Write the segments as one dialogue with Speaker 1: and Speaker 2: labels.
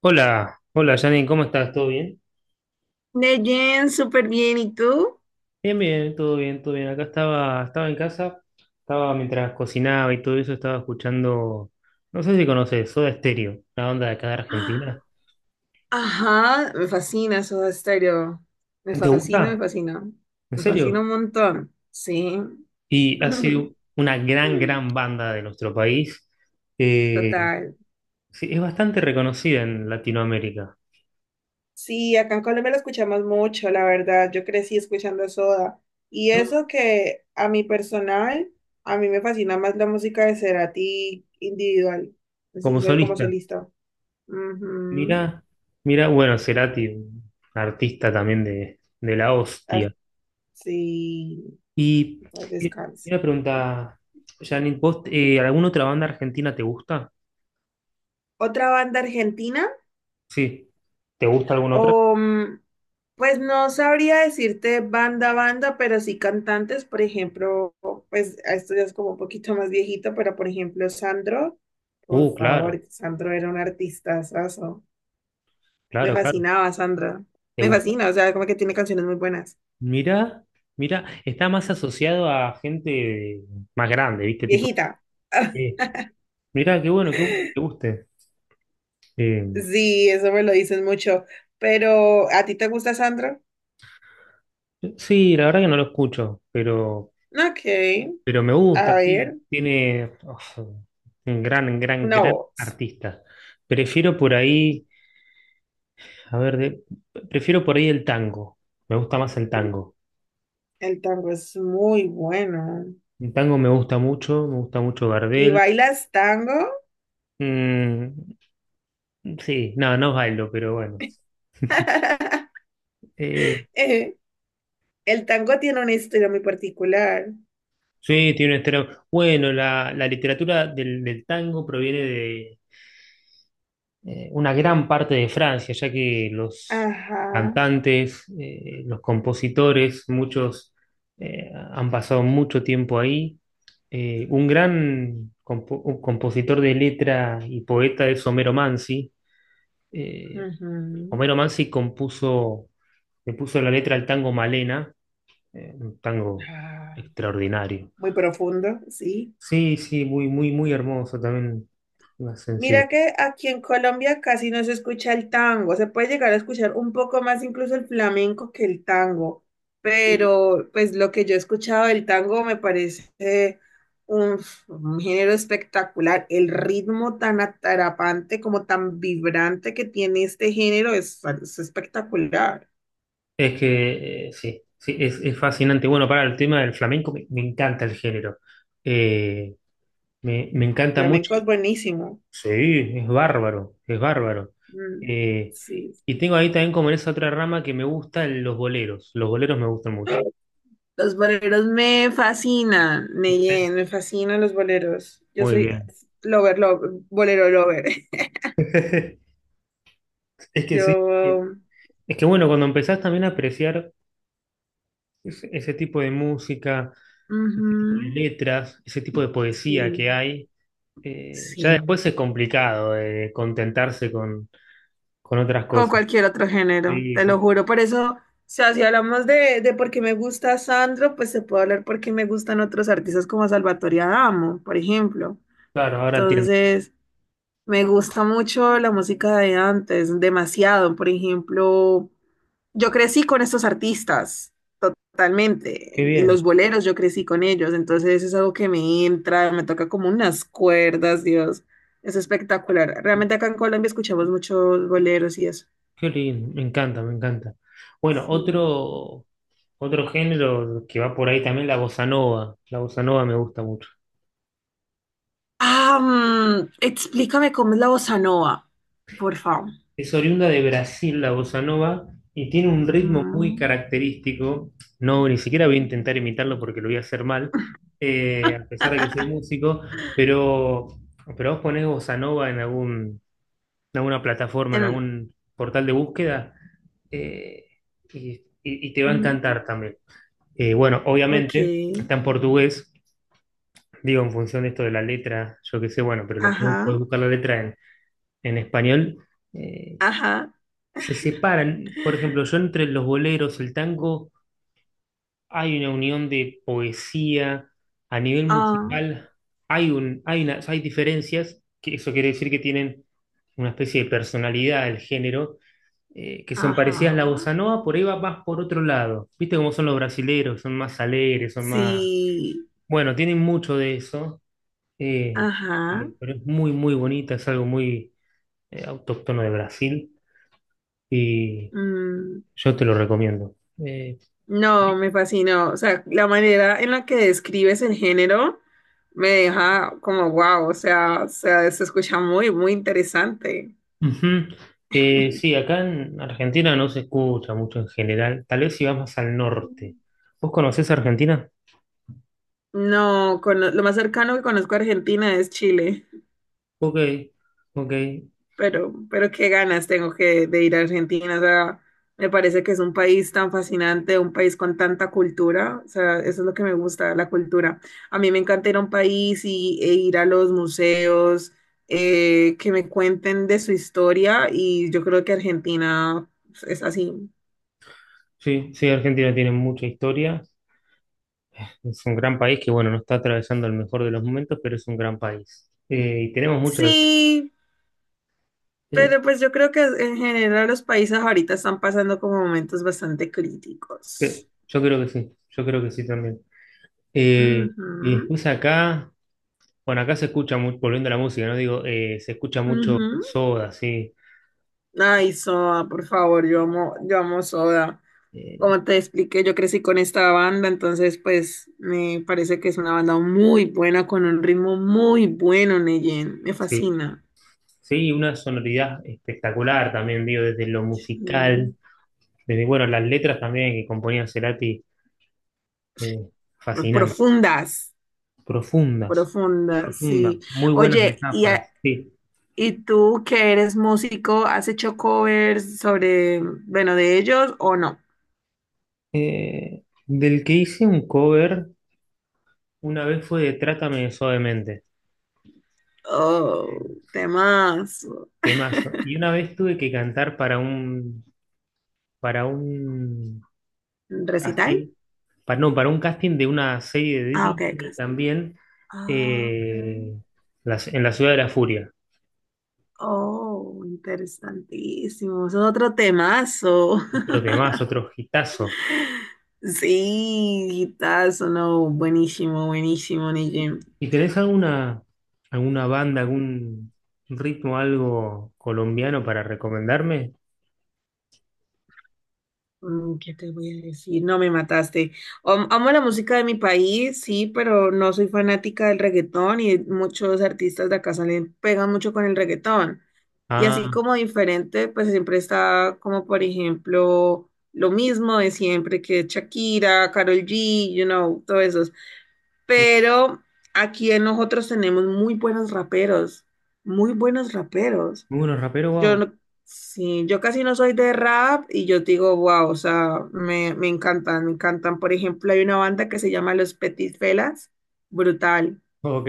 Speaker 1: Hola, hola Janine, ¿cómo estás? ¿Todo bien?
Speaker 2: Neyen, súper bien. ¿Y tú?
Speaker 1: Bien, bien, todo bien, todo bien. Acá estaba en casa, estaba mientras cocinaba y todo eso, estaba escuchando, no sé si conoces, Soda Stereo, la banda de acá de Argentina.
Speaker 2: Ajá, me fascina Soda Stereo. Me
Speaker 1: ¿Te
Speaker 2: fascina, me
Speaker 1: gusta?
Speaker 2: fascina.
Speaker 1: ¿En
Speaker 2: Me fascina
Speaker 1: serio?
Speaker 2: un montón. Sí.
Speaker 1: Y ha sido una gran, gran banda de nuestro país. Eh,
Speaker 2: Total.
Speaker 1: sí, es bastante reconocida en Latinoamérica,
Speaker 2: Sí, acá en Colombia lo escuchamos mucho, la verdad. Yo crecí escuchando Soda. Y
Speaker 1: ¿no?
Speaker 2: eso que a mi personal, a mí me fascina más la música de Cerati individual. Sí,
Speaker 1: Como
Speaker 2: soy como
Speaker 1: solista.
Speaker 2: solista. Ujú.
Speaker 1: Mirá, mirá, bueno, Cerati, un artista también de la
Speaker 2: Ar-
Speaker 1: hostia.
Speaker 2: sí,
Speaker 1: Y, y
Speaker 2: descanso.
Speaker 1: una pregunta, Janine, ¿vos, alguna otra banda argentina te gusta?
Speaker 2: Otra banda argentina.
Speaker 1: Sí. ¿Te gusta alguna otra?
Speaker 2: O, mm, pues no sabría decirte banda a banda, pero sí cantantes, por ejemplo, pues a esto ya es como un poquito más viejito, pero por ejemplo, Sandro, por
Speaker 1: Claro,
Speaker 2: favor, Sandro era un artista. Me
Speaker 1: claro, claro.
Speaker 2: fascinaba Sandro,
Speaker 1: ¿Te
Speaker 2: me
Speaker 1: gusta?
Speaker 2: fascina, o sea, como que tiene canciones muy buenas.
Speaker 1: Mira, mira, está más asociado a gente más grande, ¿viste? Tipo,
Speaker 2: Viejita.
Speaker 1: sí. Mira, qué bueno que te guste. Eh,
Speaker 2: Sí, eso me lo dicen mucho, pero ¿a ti te gusta Sandro?
Speaker 1: sí, la verdad que no lo escucho,
Speaker 2: Ok,
Speaker 1: pero me
Speaker 2: a
Speaker 1: gusta, sí.
Speaker 2: ver,
Speaker 1: Tiene uf, un gran, gran,
Speaker 2: una
Speaker 1: gran
Speaker 2: voz.
Speaker 1: artista. Prefiero por ahí. A ver, prefiero por ahí el tango. Me gusta más el tango.
Speaker 2: El tango es muy bueno.
Speaker 1: El tango me gusta mucho
Speaker 2: ¿Y
Speaker 1: Gardel.
Speaker 2: bailas tango?
Speaker 1: Mm, sí, no, no bailo, pero bueno. Eh,
Speaker 2: Eh, El tango tiene una historia muy particular.
Speaker 1: sí, tiene un estilo. Bueno, la literatura del tango proviene de, una gran parte de Francia, ya que los
Speaker 2: Ajá.
Speaker 1: cantantes, los compositores, muchos han pasado mucho tiempo ahí. Un gran un compositor de letra y poeta es Homero Mansi. Eh,
Speaker 2: Ujú,
Speaker 1: Homero Mansi compuso, le puso la letra al tango Malena, un tango
Speaker 2: ah,
Speaker 1: extraordinario.
Speaker 2: muy profundo, sí.
Speaker 1: Sí, sí, muy, muy, muy hermoso también, una
Speaker 2: Mira
Speaker 1: sensibilidad.
Speaker 2: que aquí en Colombia casi no se escucha el tango. Se puede llegar a escuchar un poco más incluso el flamenco que el tango. Pero pues lo que yo he escuchado del tango me parece un, un género espectacular. El ritmo tan atrapante como tan vibrante que tiene este género es espectacular.
Speaker 1: Es que sí, sí, es fascinante. Bueno, para el tema del flamenco, me encanta el género. Eh, me, me
Speaker 2: El
Speaker 1: encanta mucho.
Speaker 2: flamenco es buenísimo.
Speaker 1: Sí, es bárbaro, es bárbaro.
Speaker 2: Mm,
Speaker 1: Eh,
Speaker 2: sí,
Speaker 1: y
Speaker 2: sí.
Speaker 1: tengo ahí también como en esa otra rama que me gustan los boleros. Los boleros me gustan mucho.
Speaker 2: Ah, los boleros me fascinan, me fascinan los boleros. Yo
Speaker 1: Muy
Speaker 2: soy
Speaker 1: bien.
Speaker 2: lover, lover, bolero lover.
Speaker 1: Es que sí. Sí.
Speaker 2: Yo,
Speaker 1: Es que bueno, cuando empezás también a apreciar ese, ese tipo de música, ese tipo de
Speaker 2: ujú,
Speaker 1: letras, ese tipo de poesía
Speaker 2: sí,
Speaker 1: que hay, ya
Speaker 2: sí.
Speaker 1: después es complicado contentarse con otras
Speaker 2: Como
Speaker 1: cosas.
Speaker 2: cualquier otro género,
Speaker 1: Sí,
Speaker 2: te lo
Speaker 1: sí,
Speaker 2: juro. Por eso, o sea, si hablamos de, por qué me gusta Sandro, pues se puede hablar por qué me gustan otros artistas como Salvatore Adamo, por ejemplo.
Speaker 1: claro, ahora entiendo.
Speaker 2: Entonces, me gusta mucho la música de antes, demasiado. Por ejemplo, yo crecí con estos artistas, totalmente.
Speaker 1: Qué
Speaker 2: Y
Speaker 1: bien,
Speaker 2: los boleros, yo crecí con ellos. Entonces es algo que me entra, me toca como unas cuerdas, Dios. Es espectacular. Realmente acá en Colombia escuchamos muchos boleros y eso.
Speaker 1: qué lindo, me encanta, me encanta. Bueno,
Speaker 2: Sí.
Speaker 1: otro, otro género que va por ahí también, la bossa nova. La bossa nova me gusta mucho.
Speaker 2: Ah, explícame cómo es la bossa nova, por favor.
Speaker 1: Es oriunda de Brasil, la bossa nova, y tiene un ritmo muy
Speaker 2: Mm.
Speaker 1: característico. No, ni siquiera voy a intentar imitarlo porque lo voy a hacer mal, a pesar de que soy músico, pero, pero vos ponés bossa nova en algún, en alguna plataforma, en
Speaker 2: En-
Speaker 1: algún portal de búsqueda, eh, y, y te va a encantar
Speaker 2: mm,
Speaker 1: también. Bueno, obviamente
Speaker 2: ok.
Speaker 1: está en portugués, digo, en función de esto de la letra, yo qué sé, bueno, pero lo puedes,
Speaker 2: Ajá,
Speaker 1: puedes buscar la letra en español. eh,
Speaker 2: ajá,
Speaker 1: Se separan, por ejemplo, yo entre los boleros, el tango, hay una unión de poesía, a nivel
Speaker 2: ah,
Speaker 1: musical hay, hay, hay diferencias, que eso quiere decir que tienen una especie de personalidad del género que son
Speaker 2: ajá,
Speaker 1: parecidas a la bossa nova, por ahí va más por otro lado. ¿Viste cómo son los brasileros? Son más alegres, son más...
Speaker 2: sí,
Speaker 1: Bueno, tienen mucho de eso, eh,
Speaker 2: ajá.
Speaker 1: pero es muy, muy bonita, es algo muy autóctono de Brasil y
Speaker 2: Mm.
Speaker 1: yo te lo recomiendo. Eh,
Speaker 2: No, me fascinó. O sea, la manera en la que describes el género me deja como wow. O sea, se escucha muy, muy interesante.
Speaker 1: ujú. Sí, acá en Argentina no se escucha mucho en general, tal vez si vas más al norte. ¿Vos conocés Argentina?
Speaker 2: No, lo más cercano que conozco a Argentina es Chile.
Speaker 1: Ok, ok.
Speaker 2: Pero qué ganas tengo que de ir a Argentina. O sea, me parece que es un país tan fascinante, un país con tanta cultura. O sea, eso es lo que me gusta, la cultura. A mí me encanta ir a un país y, e ir a los museos, que me cuenten de su historia y yo creo que Argentina es así.
Speaker 1: Sí, sí, Argentina tiene mucha historia. Es un gran país que, bueno, no está atravesando el mejor de los momentos, pero es un gran país. Y tenemos mucho
Speaker 2: Sí,
Speaker 1: eh,
Speaker 2: pero pues yo creo que en general los países ahorita están pasando como momentos bastante críticos.
Speaker 1: yo creo que sí, yo creo que sí también. Eh, y
Speaker 2: Ujú,
Speaker 1: después acá, bueno, acá se escucha mucho, volviendo a la música, ¿no? Digo, se escucha mucho
Speaker 2: ujú.
Speaker 1: Soda, sí.
Speaker 2: Ay, Soda, por favor, yo amo Soda.
Speaker 1: Eh,
Speaker 2: Como te expliqué, yo crecí con esta banda, entonces pues me parece que es una banda muy buena, con un ritmo muy bueno, Neyen. Me
Speaker 1: sí,
Speaker 2: fascina.
Speaker 1: sí, una sonoridad espectacular también, digo, desde lo musical,
Speaker 2: Mm,
Speaker 1: desde, bueno, las letras también que componía Cerati, eh, fascinantes,
Speaker 2: profundas,
Speaker 1: profundas,
Speaker 2: profundas,
Speaker 1: profundas,
Speaker 2: sí.
Speaker 1: muy buenas
Speaker 2: Oye,
Speaker 1: metáforas, sí.
Speaker 2: y tú que eres músico, ¿has hecho covers sobre, bueno, de ellos o no?
Speaker 1: Del que hice un cover una vez fue de Trátame Suavemente.
Speaker 2: Oh, temas.
Speaker 1: Temazo. Y una vez tuve que cantar para para un
Speaker 2: ¿Recital?
Speaker 1: casting, para, no, para un casting de una serie de
Speaker 2: Ah, ok,
Speaker 1: Disney
Speaker 2: casting.
Speaker 1: también,
Speaker 2: Ah, ok.
Speaker 1: eh, en la Ciudad de la Furia.
Speaker 2: Oh, interesantísimo. Eso es otro temazo.
Speaker 1: Otro temazo, otro hitazo.
Speaker 2: Sí, guitazo, no. Buenísimo, buenísimo,
Speaker 1: ¿Y
Speaker 2: Nijim.
Speaker 1: y tenés alguna, alguna banda, algún ritmo, algo colombiano para recomendarme?
Speaker 2: Mm, ¿qué te voy a decir? No me mataste. Amo la música de mi país, sí, pero no soy fanática del reggaetón y muchos artistas de acá salen, pegan mucho con el reggaetón. Y así
Speaker 1: Ah,
Speaker 2: como diferente, pues siempre está como, por ejemplo, lo mismo de siempre que Shakira, Karol G, you know, todo eso. Pero aquí en nosotros tenemos muy buenos raperos, muy buenos raperos.
Speaker 1: muy buenos raperos,
Speaker 2: Yo
Speaker 1: wow.
Speaker 2: no, sí, yo casi no soy de rap y yo digo, wow, o sea, me encantan, me encantan. Por ejemplo, hay una banda que se llama Los Petit Felas, brutal,
Speaker 1: Ok.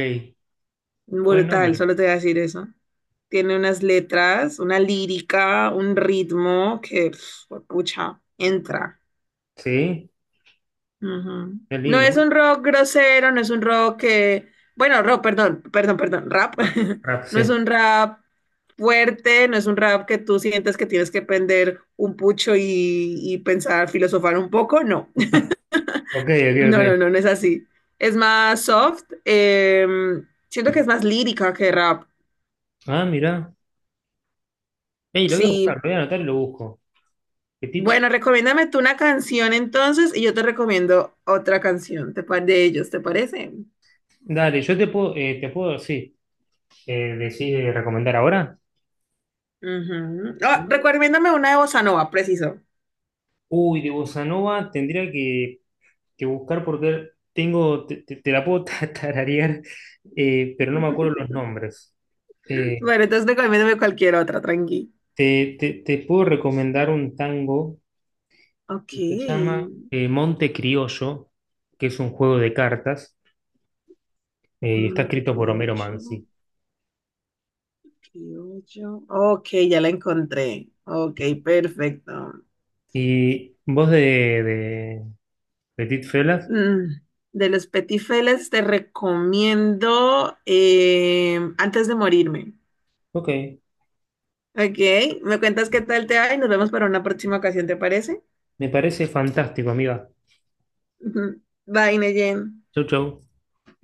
Speaker 1: Buen
Speaker 2: brutal,
Speaker 1: nombre.
Speaker 2: solo te voy a decir eso. Tiene unas letras, una lírica, un ritmo que, pf, pucha, entra.
Speaker 1: Sí,
Speaker 2: Ujú.
Speaker 1: qué
Speaker 2: No es
Speaker 1: lindo.
Speaker 2: un rock grosero, no es un rock que, bueno, rock, perdón, perdón, perdón, rap. No es
Speaker 1: Rapse.
Speaker 2: un rap fuerte, no es un rap que tú sientes que tienes que prender un pucho y pensar, filosofar un poco, no.
Speaker 1: Ok, ok,
Speaker 2: No, no,
Speaker 1: ok.
Speaker 2: no, no es así. Es más soft, siento que es más lírica que rap.
Speaker 1: Ah, mirá. Ey, lo voy a
Speaker 2: Sí.
Speaker 1: buscar, lo voy a anotar y lo busco. Petit.
Speaker 2: Bueno, recomiéndame tú una canción entonces y yo te recomiendo otra canción de ellos, ¿te parece?
Speaker 1: Dale, yo te puedo, sí, decir, recomendar ahora.
Speaker 2: Ujú. Ah, recomiéndame una de bossa nova, preciso.
Speaker 1: Uy, de Bossa Nova tendría que buscar porque tengo, te la puedo tararear, pero no me acuerdo los nombres. Eh,
Speaker 2: Bueno, entonces recomiéndame cualquier otra, tranqui.
Speaker 1: te puedo recomendar un tango
Speaker 2: Ok.
Speaker 1: que se llama Monte Criollo, que es un juego de cartas. Y está
Speaker 2: Monte
Speaker 1: escrito por Homero
Speaker 2: Criollo,
Speaker 1: Mansi.
Speaker 2: Criollo. Ok, ya la encontré. Ok, perfecto.
Speaker 1: Y voz de Petit Felas.
Speaker 2: Mm, de los Petifeles te recomiendo Antes de morirme.
Speaker 1: Ok,
Speaker 2: Ok, me cuentas qué tal te va y nos vemos para una próxima ocasión, ¿te parece?
Speaker 1: me parece fantástico, amiga.
Speaker 2: Ujú. Bye, Neyen.
Speaker 1: Chau, chau.